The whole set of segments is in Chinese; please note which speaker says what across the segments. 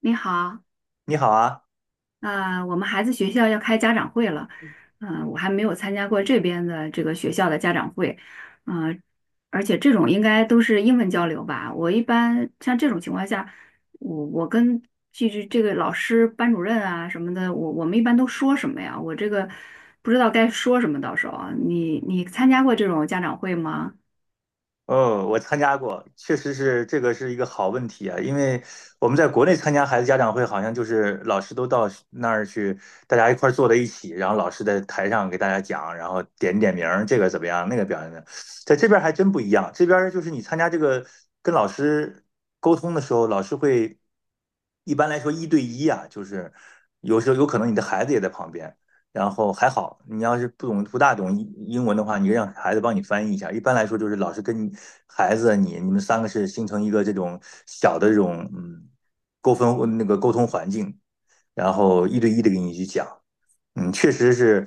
Speaker 1: 你好，
Speaker 2: 你好啊。
Speaker 1: 我们孩子学校要开家长会了。嗯，我还没有参加过这边的这个学校的家长会。嗯，而且这种应该都是英文交流吧？我一般像这种情况下，我跟这个老师、班主任啊什么的，我们一般都说什么呀？我这个不知道该说什么，到时候啊你参加过这种家长会吗？
Speaker 2: 哦，我参加过，确实是这个是一个好问题啊，因为我们在国内参加孩子家长会，好像就是老师都到那儿去，大家一块儿坐在一起，然后老师在台上给大家讲，然后点点名儿，这个怎么样，那个表现的，在这边儿还真不一样，这边儿就是你参加这个跟老师沟通的时候，老师会一般来说一对一啊，就是有时候有可能你的孩子也在旁边。然后还好，你要是不大懂英文的话，你让孩子帮你翻译一下。一般来说，就是老师跟孩子啊你们三个是形成一个这种小的这种沟通环境，然后一对一的给你去讲。嗯，确实是，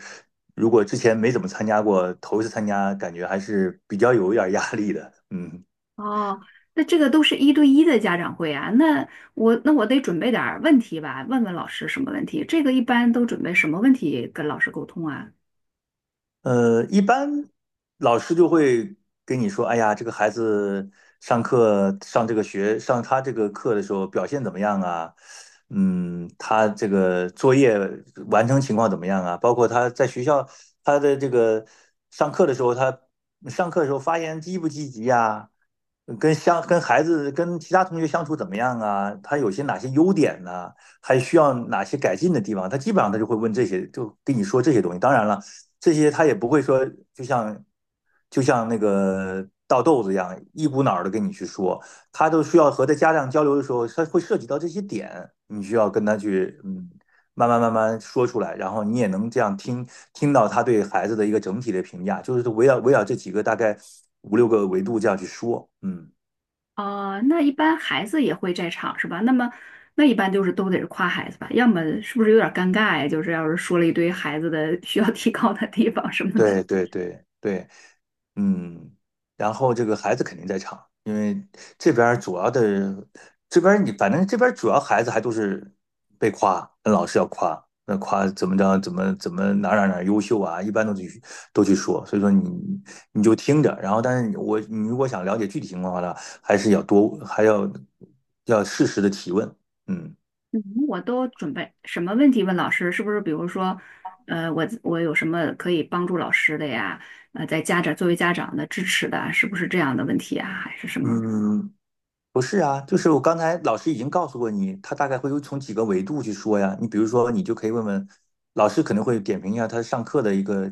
Speaker 2: 如果之前没怎么参加过，头一次参加，感觉还是比较有一点压力的。嗯。
Speaker 1: 哦，那这个都是一对一的家长会啊。那我得准备点儿问题吧，问问老师什么问题？这个一般都准备什么问题跟老师沟通啊？
Speaker 2: 一般老师就会跟你说："哎呀，这个孩子上课上这个学上他这个课的时候表现怎么样啊？嗯，他这个作业完成情况怎么样啊？包括他在学校他的这个上课的时候，他上课的时候发言积不积极呀？跟孩子跟其他同学相处怎么样啊？他有些哪些优点呢？还需要哪些改进的地方？他基本上他就会问这些，就跟你说这些东西。当然了。"这些他也不会说，就像就像那个倒豆子一样，一股脑的跟你去说，他都需要和他家长交流的时候，他会涉及到这些点，你需要跟他去，嗯，慢慢慢慢说出来，然后你也能这样听到他对孩子的一个整体的评价，就是围绕这几个大概五六个维度这样去说，嗯。
Speaker 1: 哦，那一般孩子也会在场是吧？那么那一般就是都得是夸孩子吧，要么是不是有点儿尴尬呀？就是要是说了一堆孩子的需要提高的地方什么的。
Speaker 2: 对对对对。嗯，然后这个孩子肯定在场，因为这边儿主要的，这边儿你反正这边儿主要孩子还都是被夸，那老师要夸，那夸怎么着，怎么怎么哪儿哪儿哪儿优秀啊，一般都去都去说，所以说你就听着，然后但是我你如果想了解具体情况的话呢，还是要还要适时的提问，嗯。
Speaker 1: 嗯，我都准备什么问题问老师？是不是比如说，我我有什么可以帮助老师的呀？呃，在家长作为家长的支持的啊是不是这样的问题啊？还是什么？
Speaker 2: 嗯，不是啊，就是我刚才老师已经告诉过你，他大概会有从几个维度去说呀。你比如说，你就可以问问老师，可能会点评一下他上课的一个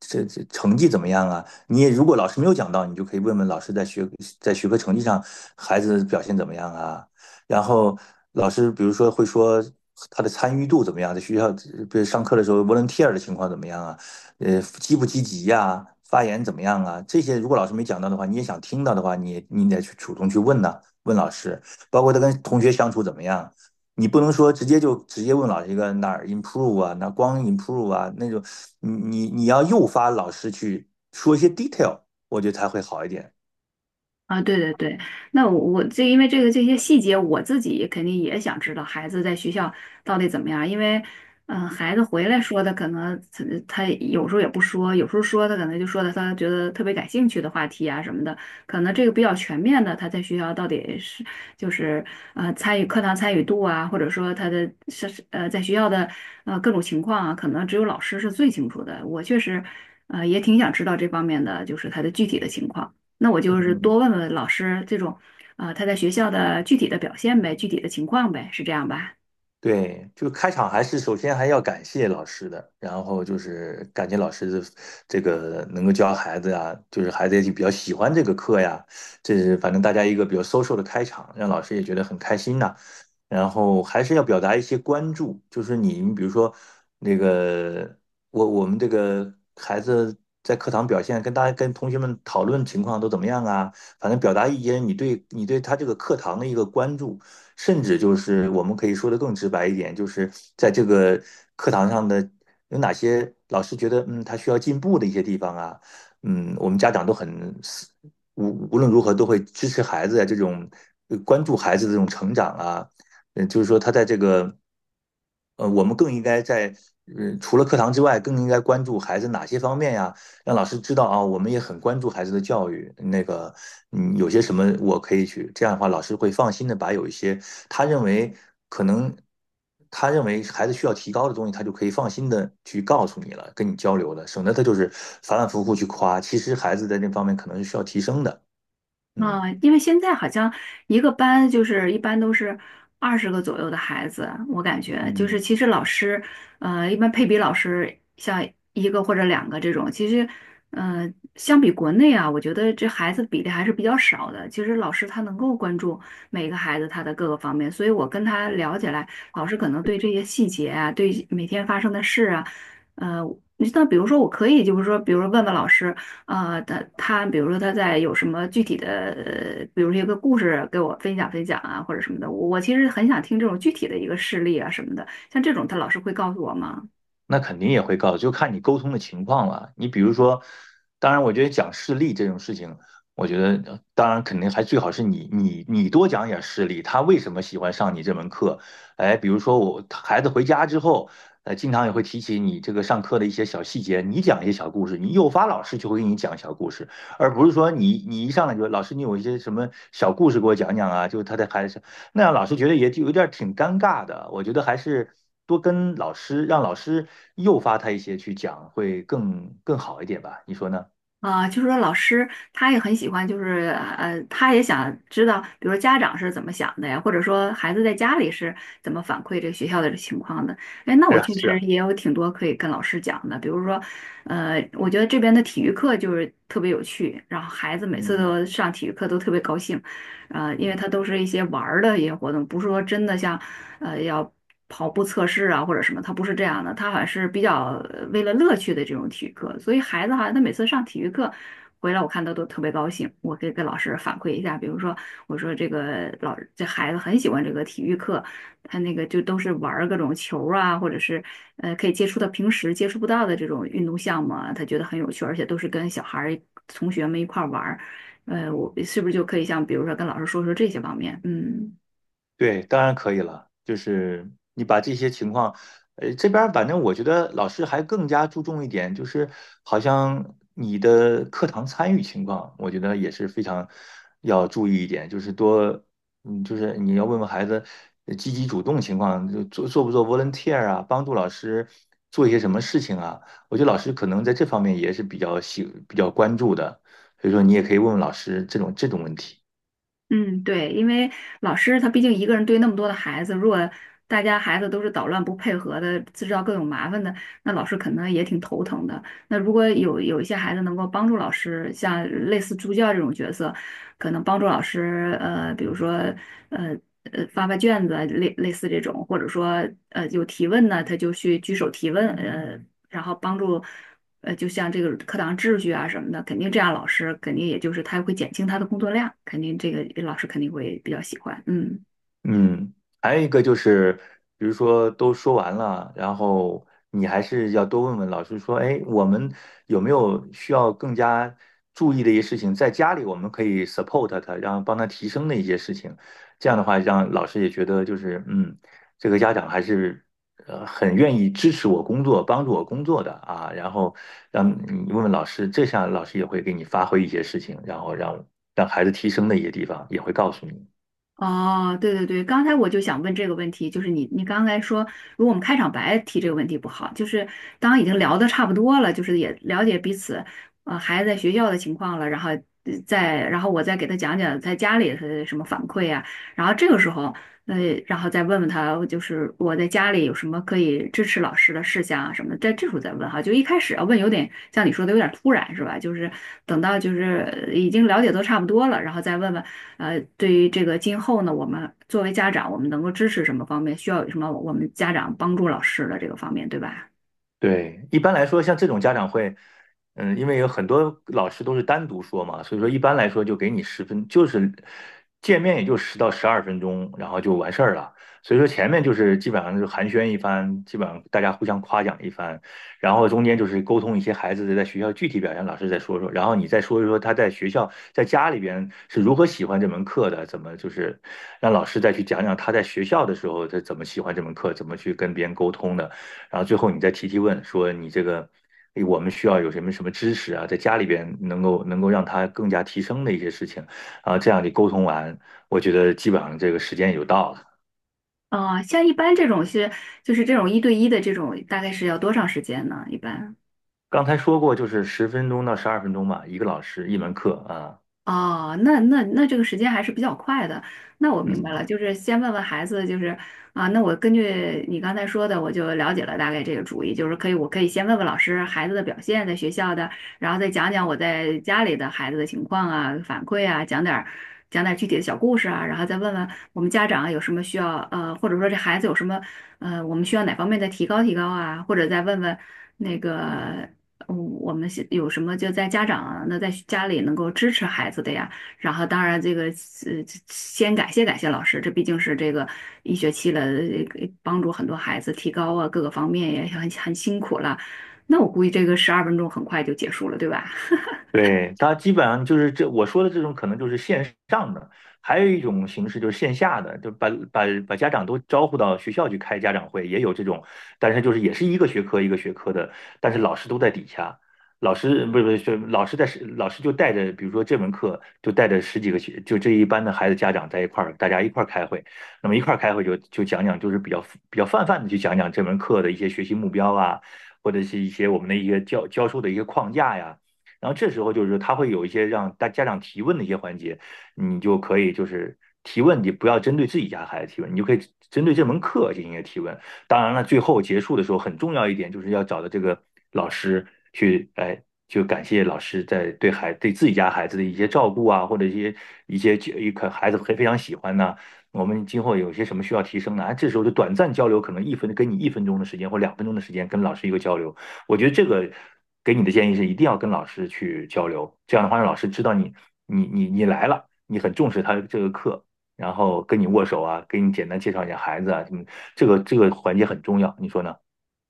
Speaker 2: 这成绩怎么样啊。你也如果老师没有讲到，你就可以问问老师在学科成绩上孩子表现怎么样啊。然后老师比如说会说他的参与度怎么样，在学校比如上课的时候 volunteer 的情况怎么样啊，呃积不积极呀、发言怎么样啊？这些如果老师没讲到的话，你也想听到的话，你得去主动去问呐、问老师，包括他跟同学相处怎么样。你不能说直接问老师一个哪儿 improve 啊，哪光 improve 啊那种，你要诱发老师去说一些 detail,我觉得才会好一点。
Speaker 1: 啊，对对对。那我这因为这个这些细节，我自己肯定也想知道孩子在学校到底怎么样。因为嗯、孩子回来说的可能他有时候也不说，有时候说他可能就说的他觉得特别感兴趣的话题啊什么的。可能这个比较全面的，他在学校到底是就是参与课堂参与度啊，或者说他的是在学校的各种情况啊，可能只有老师是最清楚的。我确实也挺想知道这方面的，就是他的具体的情况。那我就是
Speaker 2: 嗯，
Speaker 1: 多问问老师这种，啊、他在学校的具体的表现呗，具体的情况呗，是这样吧？
Speaker 2: 对，就个开场还是首先还要感谢老师的，然后就是感谢老师的这个能够教孩子呀，就是孩子也比较喜欢这个课呀，这是反正大家一个比较 social 的开场，让老师也觉得很开心呐。然后还是要表达一些关注，就是你，你比如说那个我们这个孩子在课堂表现，跟大家跟同学们讨论情况都怎么样啊？反正表达一些你对你对他这个课堂的一个关注。甚至就是我们可以说的更直白一点，就是在这个课堂上的有哪些老师觉得嗯他需要进步的一些地方啊，嗯，我们家长都很无论如何都会支持孩子啊这种呃关注孩子的这种成长啊，嗯，就是说他在这个呃，我们更应该在，呃，除了课堂之外，更应该关注孩子哪些方面呀？让老师知道啊，我们也很关注孩子的教育。那个，嗯，有些什么我可以去，这样的话，老师会放心的把有一些他认为可能他认为孩子需要提高的东西，他就可以放心的去告诉你了，跟你交流了，省得他就是反反复复去夸，其实孩子在这方面可能是需要提升的。嗯。
Speaker 1: 啊，因为现在好像一个班就是一般都是20个左右的孩子。我感觉就
Speaker 2: 嗯，
Speaker 1: 是其实老师，一般配比老师像一个或者两个这种。其实呃，相比国内啊，我觉得这孩子比例还是比较少的。其实老师他能够关注每个孩子他的各个方面，所以我跟他聊起来，老师可能对这些细节啊，对每天发生的事啊，呃，你像比如说我可以就是说，比如说问问老师。啊，他比如说他在有什么具体的，比如说一个故事给我分享分享啊，或者什么的，我其实很想听这种具体的一个事例啊什么的，像这种他老师会告诉我吗？
Speaker 2: 那肯定也会告，就看你沟通的情况了。你比如说，当然，我觉得讲事例这种事情，我觉得呃当然肯定还最好是你多讲点事例，他为什么喜欢上你这门课？哎，比如说我孩子回家之后，呃，经常也会提起你这个上课的一些小细节，你讲一些小故事，你诱发老师就会给你讲小故事，而不是说你你一上来就老师你有一些什么小故事给我讲讲啊，就他在孩子那样老师觉得也就有点儿挺尴尬的。我觉得还是多跟老师，让老师诱发他一些去讲，会更好一点吧？你说呢？
Speaker 1: 啊，就是说老师他也很喜欢，就是他也想知道，比如说家长是怎么想的呀，或者说孩子在家里是怎么反馈这个学校的情况的。哎，那
Speaker 2: 是
Speaker 1: 我
Speaker 2: 啊，
Speaker 1: 确
Speaker 2: 是
Speaker 1: 实
Speaker 2: 啊，
Speaker 1: 也有挺多可以跟老师讲的。比如说我觉得这边的体育课就是特别有趣，然后孩子每次
Speaker 2: 嗯。
Speaker 1: 都上体育课都特别高兴。呃，因为
Speaker 2: 嗯，
Speaker 1: 它都是一些玩儿的一些活动，不是说真的像要跑步测试啊或者什么。它不是这样的，它好像是比较为了乐趣的这种体育课，所以孩子好像他每次上体育课。回来我看他都特别高兴。我可以跟老师反馈一下，比如说我说这个老这孩子很喜欢这个体育课，他那个就都是玩儿各种球儿啊，或者是可以接触到平时接触不到的这种运动项目啊，他觉得很有趣，而且都是跟小孩儿同学们一块儿玩儿。呃，我是不是就可以像比如说跟老师说说这些方面？嗯
Speaker 2: 对，当然可以了。就是你把这些情况，呃，这边儿反正我觉得老师还更加注重一点，就是好像你的课堂参与情况，我觉得也是非常要注意一点，就是多，嗯，就是你要问问孩子呃积极主动情况，就做不做 volunteer 啊，帮助老师做一些什么事情啊。我觉得老师可能在这方面也是比较关注的，所以说你也可以问问老师这种问题。
Speaker 1: 嗯，对。因为老师他毕竟一个人对那么多的孩子，如果大家孩子都是捣乱不配合的，制造各种麻烦的，那老师可能也挺头疼的。那如果有一些孩子能够帮助老师，像类似助教这种角色，可能帮助老师，呃，比如说呃发发卷子啊，类似这种，或者说有提问呢，他就去举手提问，呃，然后帮助。呃，就像这个课堂秩序啊什么的，肯定这样老师肯定也就是他会减轻他的工作量，肯定这个老师肯定会比较喜欢。嗯。
Speaker 2: 嗯，还有一个就是，比如说都说完了，然后你还是要多问问老师说，哎，我们有没有需要更加注意的一些事情，在家里我们可以 support 他，让帮他提升的一些事情，这样的话让老师也觉得就是，嗯，这个家长还是呃很愿意支持我工作，帮助我工作的啊，然后让你问问老师，这下老师也会给你发挥一些事情，然后让让孩子提升的一些地方也会告诉你。
Speaker 1: 哦，对对对，刚才我就想问这个问题。就是你刚才说，如果我们开场白提这个问题不好，就是当已经聊的差不多了，就是也了解彼此，孩子在学校的情况了。然后再然后我再给他讲讲在家里是什么反馈啊，然后这个时候，呃，然后再问问他，就是我在家里有什么可以支持老师的事项啊什么的。在这时候再问哈，就一开始要问有点像你说的有点突然是吧？就是等到就是已经了解都差不多了，然后再问问。呃，对于这个今后呢，我们作为家长，我们能够支持什么方面，需要有什么我们家长帮助老师的这个方面，对吧？
Speaker 2: 对，一般来说，像这种家长会，嗯，因为有很多老师都是单独说嘛，所以说一般来说就给你十分，就是见面也就10到12分钟，然后就完事儿了。所以说前面就是基本上就是寒暄一番，基本上大家互相夸奖一番，然后中间就是沟通一些孩子的在学校具体表现，老师再说说，然后你再说一说他在学校在家里边是如何喜欢这门课的，怎么就是让老师再去讲讲他在学校的时候他怎么喜欢这门课，怎么去跟别人沟通的。然后最后你再提提问，说你这个我们需要有什么什么知识啊，在家里边能够能够让他更加提升的一些事情，啊，这样你沟通完，我觉得基本上这个时间也就到了。
Speaker 1: 啊、像一般这种是就是这种一对一的这种，大概是要多长时间呢？一般？
Speaker 2: 刚才说过，就是10分钟到12分钟吧，一个老师一门课啊。
Speaker 1: 哦，那这个时间还是比较快的。那我明白
Speaker 2: 嗯，
Speaker 1: 了，就是先问问孩子，就是啊，那我根据你刚才说的，我就了解了大概这个主意。就是可以，我可以先问问老师孩子的表现，在学校的。然后再讲讲我在家里的孩子的情况啊，反馈啊，讲点儿具体的小故事啊。然后再问问我们家长有什么需要，或者说这孩子有什么，我们需要哪方面的提高提高啊，或者再问问那个。嗯，我们现有什么就在家长啊那在家里能够支持孩子的呀。然后，当然这个先感谢感谢老师，这毕竟是这个一学期了，帮助很多孩子提高啊，各个方面也很很辛苦了。那我估计这个12分钟很快就结束了，对吧？
Speaker 2: 对，它基本上就是这我说的这种，可能就是线上的，还有一种形式就是线下的，就把家长都招呼到学校去开家长会，也有这种，但是就是也是一个学科一个学科的，但是老师都在底下，老师不是老师就带着，比如说这门课就带着十几个学，就这一班的孩子家长在一块儿，大家一块儿开会，那么一块儿开会就讲讲，就是比较泛泛的去讲讲这门课的一些学习目标啊，或者是一些我们的一些教授的一些框架呀。然后这时候就是说他会有一些让大家长提问的一些环节，你就可以就是提问，你不要针对自己家孩子提问，你就可以针对这门课进行一个提问。当然了，最后结束的时候很重要一点就是要找到这个老师去，哎。就感谢老师在对对自己家孩子的一些照顾啊，或者一些一些一可孩子非常喜欢呢、啊我们今后有些什么需要提升呢？哎，这时候就短暂交流，可能一分跟你1分钟的时间或2分钟的时间跟老师一个交流，我觉得这个给你的建议是一定要跟老师去交流，这样的话让老师知道你来了，你很重视他这个课，然后跟你握手啊，给你简单介绍一下孩子啊什么，这个环节很重要，你说呢？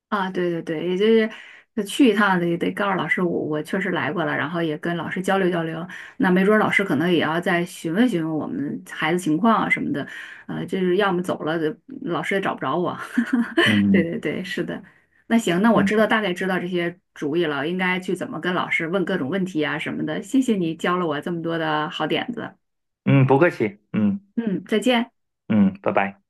Speaker 1: 啊，对对对，也就是就去一趟得告诉老师我，我确实来过了，然后也跟老师交流交流。那没准儿老师可能也要再询问询问我们孩子情况啊什么的。就是要么走了，老师也找不着我。对
Speaker 2: 嗯。
Speaker 1: 对对，是的。那行，那我
Speaker 2: 嗯，
Speaker 1: 知道大概知道这些主意了，应该去怎么跟老师问各种问题啊什么的。谢谢你教了我这么多的好点子。
Speaker 2: 嗯，不客气，嗯。
Speaker 1: 嗯，再见。
Speaker 2: 嗯，拜拜。